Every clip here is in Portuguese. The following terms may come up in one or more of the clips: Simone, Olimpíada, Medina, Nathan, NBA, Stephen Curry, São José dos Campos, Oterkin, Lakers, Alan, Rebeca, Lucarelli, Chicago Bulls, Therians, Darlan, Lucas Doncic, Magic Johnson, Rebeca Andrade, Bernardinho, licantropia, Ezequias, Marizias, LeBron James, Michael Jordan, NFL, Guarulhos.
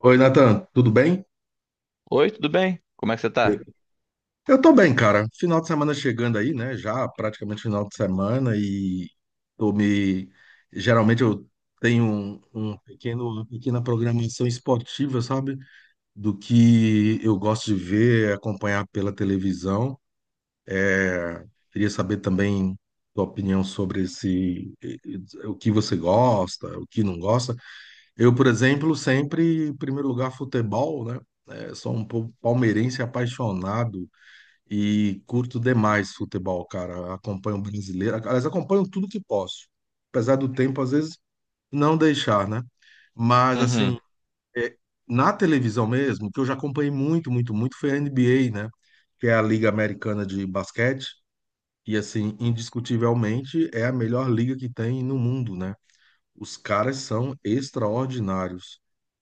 Oi, Nathan, tudo bem? Oi, tudo bem? Como é que você tá? Eu tô bem, cara. Final de semana chegando aí, né? Já praticamente final de semana e tô me... Geralmente eu tenho um pequeno, uma pequena programação esportiva, sabe? Do que eu gosto de ver, acompanhar pela televisão. É, Queria saber também tua opinião sobre o que você gosta, o que não gosta. Eu, por exemplo, sempre, em primeiro lugar, futebol, né? Sou palmeirense apaixonado e curto demais futebol, cara. Acompanho o brasileiro, aliás, acompanho tudo que posso. Apesar do tempo, às vezes, não deixar, né? Mas, Uhum, assim, é, na televisão mesmo, que eu já acompanhei muito, muito, muito, foi a NBA, né? Que é a Liga Americana de Basquete. E, assim, indiscutivelmente, é a melhor liga que tem no mundo, né? Os caras são extraordinários.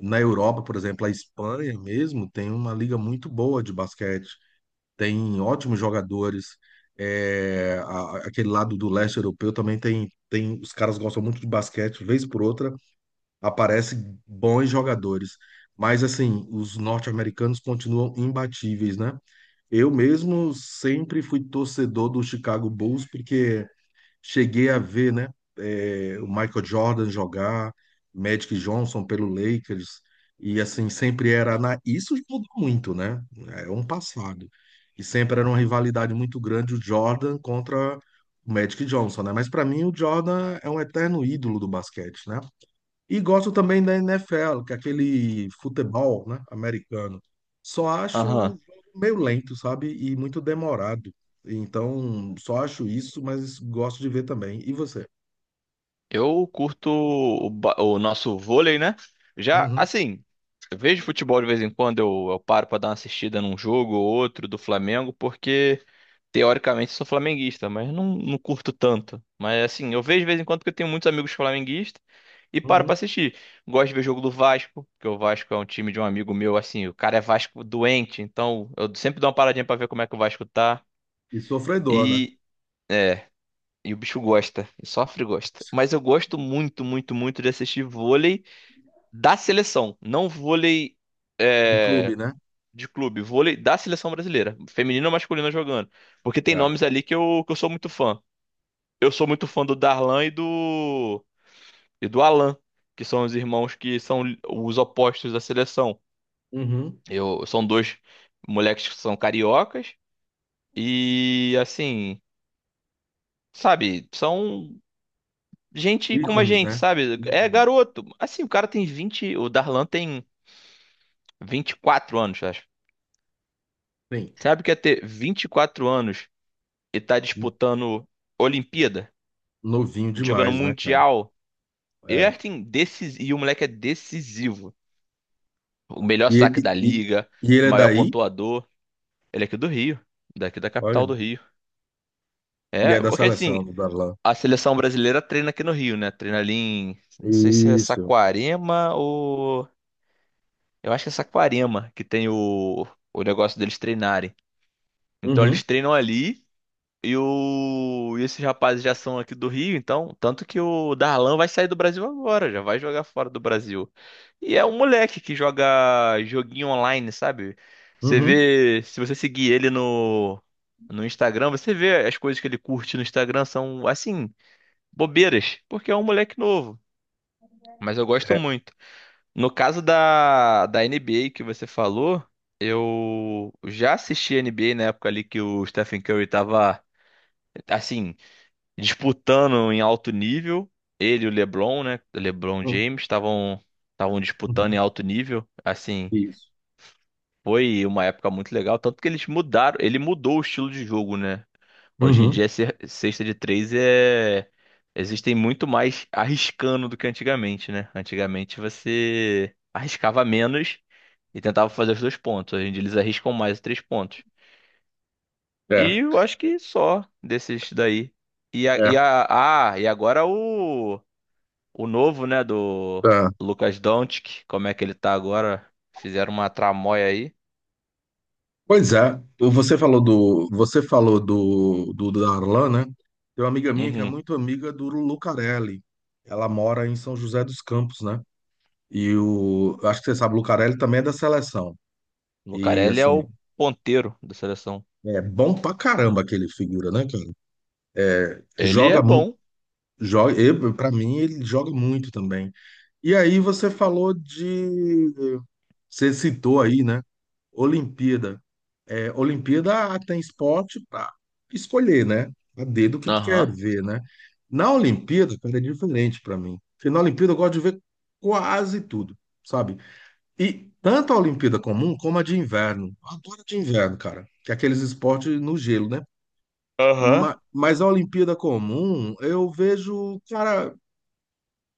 Na Europa, por exemplo, a Espanha mesmo tem uma liga muito boa de basquete, tem ótimos jogadores. É, aquele lado do leste europeu também tem. Os caras gostam muito de basquete, vez por outra aparecem bons jogadores. Mas assim, os norte-americanos continuam imbatíveis, né? Eu mesmo sempre fui torcedor do Chicago Bulls, porque cheguei a ver, né, o Michael Jordan jogar, Magic Johnson pelo Lakers, e assim, sempre era na... Isso mudou muito, né? É um passado. E sempre era uma rivalidade muito grande o Jordan contra o Magic Johnson, né? Mas para mim o Jordan é um eterno ídolo do basquete, né? E gosto também da NFL, que é aquele futebol, né, americano. Só acho o aham. jogo meio lento, sabe? E muito demorado. Então, só acho isso, mas gosto de ver também. E você? Eu curto o nosso vôlei, né? Já, Uhum, assim, eu vejo futebol de vez em quando, eu paro pra dar uma assistida num jogo ou outro do Flamengo, porque teoricamente sou flamenguista, mas não curto tanto. Mas assim, eu vejo de vez em quando porque eu tenho muitos amigos flamenguistas e paro pra uhum. assistir. Gosto de ver jogo do Vasco, porque o Vasco é um time de um amigo meu, assim, o cara é Vasco doente, então eu sempre dou uma paradinha pra ver como é que o Vasco tá. E sofredor, né? E. é, E o bicho gosta, e sofre e gosta. Mas eu gosto muito, muito, muito de assistir vôlei da seleção. Não vôlei De é, clube, né? de clube, vôlei da seleção brasileira. Feminino ou masculino jogando. Porque tem É. nomes ali que eu sou muito fã. Eu sou muito fã do Darlan e do Alan, que são os irmãos que são os opostos da seleção. Uhum. São dois moleques que são cariocas e, assim, sabe, são gente como a Ícones, gente, né? sabe? É Uhum. garoto. Assim, o Darlan tem 24 anos, acho. Sim. Sabe o que é ter 24 anos e tá disputando Olimpíada, Novinho jogando demais, né, cara? Mundial? E É. assim, decis... e o moleque é decisivo. O melhor E, saque ele- da e, liga, e ele o é maior daí, pontuador. Ele é aqui do Rio, daqui da capital do olha, Rio. e É, é da porque assim, seleção do Darlan. a seleção brasileira treina aqui no Rio, né? Treina ali, não sei se é Isso. Saquarema ou Eu acho que é Saquarema que tem o negócio deles treinarem. Então Uhum, eles treinam ali e esses rapazes já são aqui do Rio, então. Tanto que o Darlan vai sair do Brasil agora, já vai jogar fora do Brasil. E é um moleque que joga joguinho online, sabe? Você uhum. vê, se você seguir ele no Instagram, você vê as coisas que ele curte no Instagram são, assim, bobeiras, porque é um moleque novo. Mas eu gosto É. muito. No caso da NBA que você falou, eu já assisti N B a NBA na época ali que o Stephen Curry tava, assim, disputando em alto nível. Ele e o LeBron, né? O LeBron James estavam disputando em Uhum. alto nível. Assim, Isso. foi uma época muito legal. Tanto que eles mudaram, ele mudou o estilo de jogo, né? Hoje em Uhum. dia, cesta de três. Existem muito mais arriscando do que antigamente, né? Antigamente você arriscava menos e tentava fazer os dois pontos. Hoje em dia eles arriscam mais os três pontos. E É, eu acho que só desses daí. E, a, e, é, a, e agora o novo, né, do tá. Lucas Doncic, como é que ele tá agora? Fizeram uma tramóia aí. Pois é, você falou do, do Darlan, né? Tem uma amiga minha que é Uhum. muito amiga do Lucarelli. Ela mora em São José dos Campos, né? E o, acho que você sabe, o Lucarelli também é da seleção. E Lucarelli é assim, o ponteiro da seleção. é bom pra caramba aquele figura, né, cara? Ele Joga, é mu- bom. joga, pra mim ele joga muito também. E aí você falou de você citou aí, né? Olimpíada. É, Olimpíada tem esporte para escolher, né? A dedo o que que quer Aham. ver, né? Na Olimpíada, cara, é diferente para mim. Porque na Olimpíada eu gosto de ver quase tudo, sabe? E tanto a Olimpíada comum como a de inverno. Eu adoro a de inverno, cara. Que é aqueles esportes no gelo, né? Aham. Mas a Olimpíada comum, eu vejo, cara,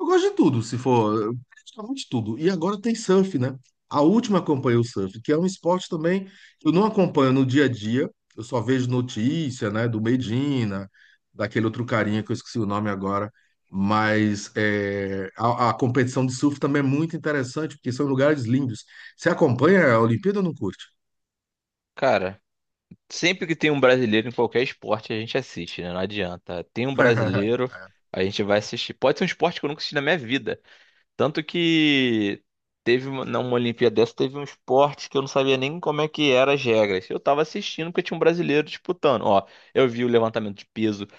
eu gosto de tudo, se for, praticamente tudo. E agora tem surf, né? A última acompanhei o surf, que é um esporte também que eu não acompanho no dia a dia. Eu só vejo notícia, né, do Medina, daquele outro carinha que eu esqueci o nome agora. Mas é, a competição de surf também é muito interessante, porque são lugares lindos. Você acompanha a Olimpíada ou não curte? Cara, sempre que tem um brasileiro em qualquer esporte, a gente assiste, né? Não adianta. Tem um brasileiro, a gente vai assistir. Pode ser um esporte que eu nunca assisti na minha vida. Tanto que teve numa Olimpíada dessa, teve um esporte que eu não sabia nem como é que era as regras. Eu tava assistindo porque tinha um brasileiro disputando. Ó, eu vi o levantamento de peso.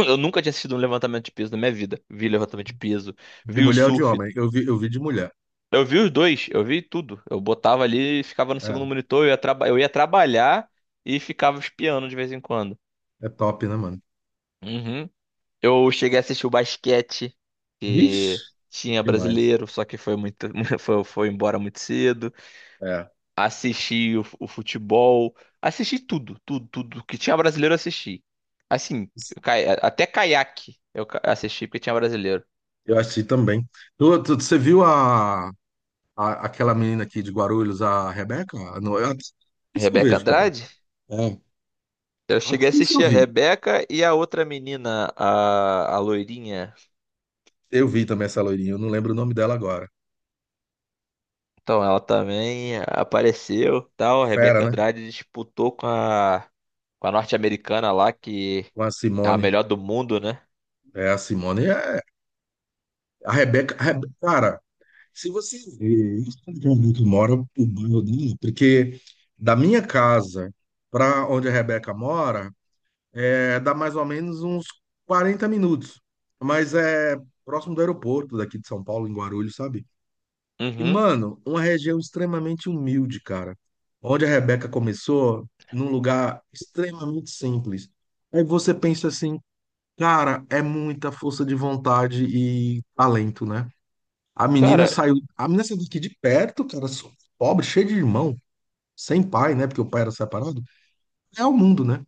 Eu nunca tinha assistido um levantamento de peso na minha vida. Vi levantamento de peso, De vi o mulher ou de surf. homem? Eu vi de mulher. Eu vi os dois, eu vi tudo. Eu botava ali, e ficava no É, segundo monitor, eu ia trabalhar e ficava espiando de vez em quando. é top, né, mano? Uhum. Eu cheguei a assistir o basquete, que Vixe, tinha demais. brasileiro, só que foi embora muito cedo. É. Assisti o futebol, assisti tudo, tudo, tudo que tinha brasileiro eu assisti. Assim, até caiaque eu assisti porque tinha brasileiro. Eu assisti também. Você viu aquela menina aqui de Guarulhos, a Rebeca? Não, isso eu Rebeca vejo, cara. Andrade? É, Eu até cheguei a isso eu assistir a vi. Rebeca e a outra menina, a loirinha. Eu vi também essa loirinha, eu não lembro o nome dela agora. Então, ela também apareceu, tal. A Fera, Rebeca né? Andrade disputou com a norte-americana lá, que Com a é a Simone. melhor do mundo, né? É, a Simone é. A Rebeca, a Rebe- cara, se você ver onde que a Rebeca mora, o bairro dela, porque da minha casa para onde a Rebeca mora, é, dá mais ou menos uns 40 minutos. Mas é próximo do aeroporto daqui de São Paulo, em Guarulhos, sabe? E, Uhum. mano, uma região extremamente humilde, cara. Onde a Rebeca começou, num lugar extremamente simples. Aí você pensa assim, cara, é muita força de vontade e talento, né? Cara, A menina saiu daqui de perto, cara, pobre, cheia de irmão, sem pai, né? Porque o pai era separado. É o mundo, né?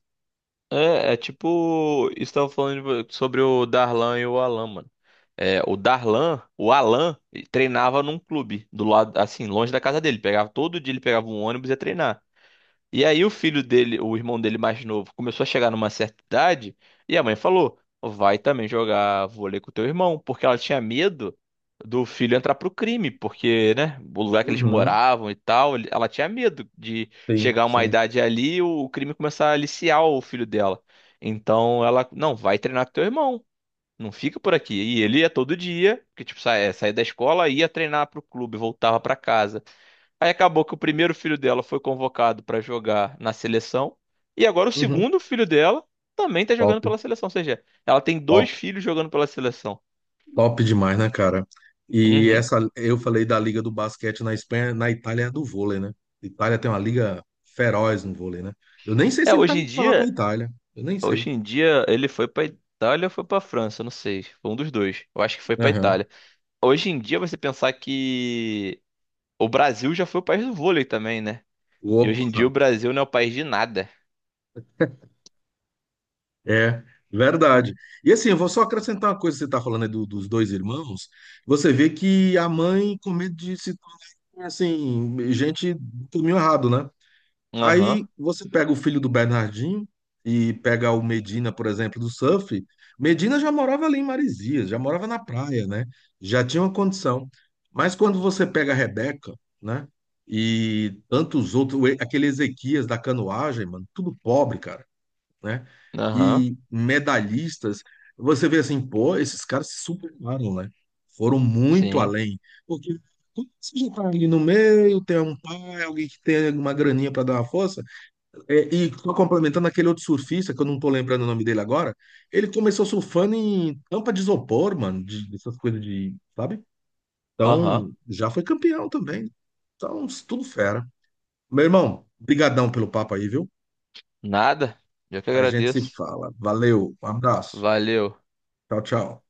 é tipo, estava falando sobre o Darlan e o Alan, mano. É, o Darlan, o Alan, ele treinava num clube do lado, assim, longe da casa dele. Pegava todo dia, ele pegava um ônibus e ia treinar. E aí o filho dele, o irmão dele mais novo, começou a chegar numa certa idade e a mãe falou: "Vai também jogar vôlei com teu irmão", porque ela tinha medo do filho entrar pro crime, porque, né, o lugar que eles Uhum, moravam e tal, ela tinha medo de sim, chegar a uma sim. idade ali e o crime começar a aliciar o filho dela. Então ela, não, vai treinar com teu irmão. Não fica por aqui. E ele ia todo dia, que tipo, saía da escola, ia treinar pro clube, voltava pra casa. Aí acabou que o primeiro filho dela foi convocado pra jogar na seleção. E agora o Uhum, segundo filho dela também tá top. jogando pela seleção. Ou seja, ela tem Top. dois filhos jogando pela seleção. Top demais, né, cara? E Uhum. essa, eu falei da Liga do Basquete na Espanha, na Itália é do vôlei, né? Itália tem uma liga feroz no vôlei, né? Eu nem sei É, se ele tá hoje em indo pra lá pra dia, Itália. Eu nem sei. hoje em dia ele foi pra Itália ou foi pra França, não sei. Foi um dos dois. Eu acho que foi pra Aham. Itália. Hoje em dia você pensar que o Brasil já foi o país do vôlei também, né? E hoje em dia Opa, o Brasil não é o país de nada. é verdade. E assim, eu vou só acrescentar uma coisa, que você tá falando aí do- dos dois irmãos, você vê que a mãe com medo de se tornar, assim, gente do caminho errado, né? Aham, Aí você pega o filho do Bernardinho e pega o Medina, por exemplo, do surf. Medina já morava ali em Marizias, já morava na praia, né? Já tinha uma condição. Mas quando você pega a Rebeca, né? E tantos outros, aquele Ezequias da canoagem, mano, tudo pobre, cara, né? aham, E medalhistas, você vê assim, pô, esses caras se superaram, né? Foram muito sim, além. Porque quando você já tá ali no meio, tem um pai, alguém que tem uma graninha para dar uma força. É, e só complementando aquele outro surfista, que eu não tô lembrando o nome dele agora, ele começou surfando em tampa de isopor, mano, de- dessas coisas de, sabe? aham, Então, já foi campeão também. Então, tudo fera. Meu irmão, brigadão pelo papo aí, viu? nada. Eu que A gente se agradeço. fala. Valeu, um abraço. Valeu. Tchau, tchau.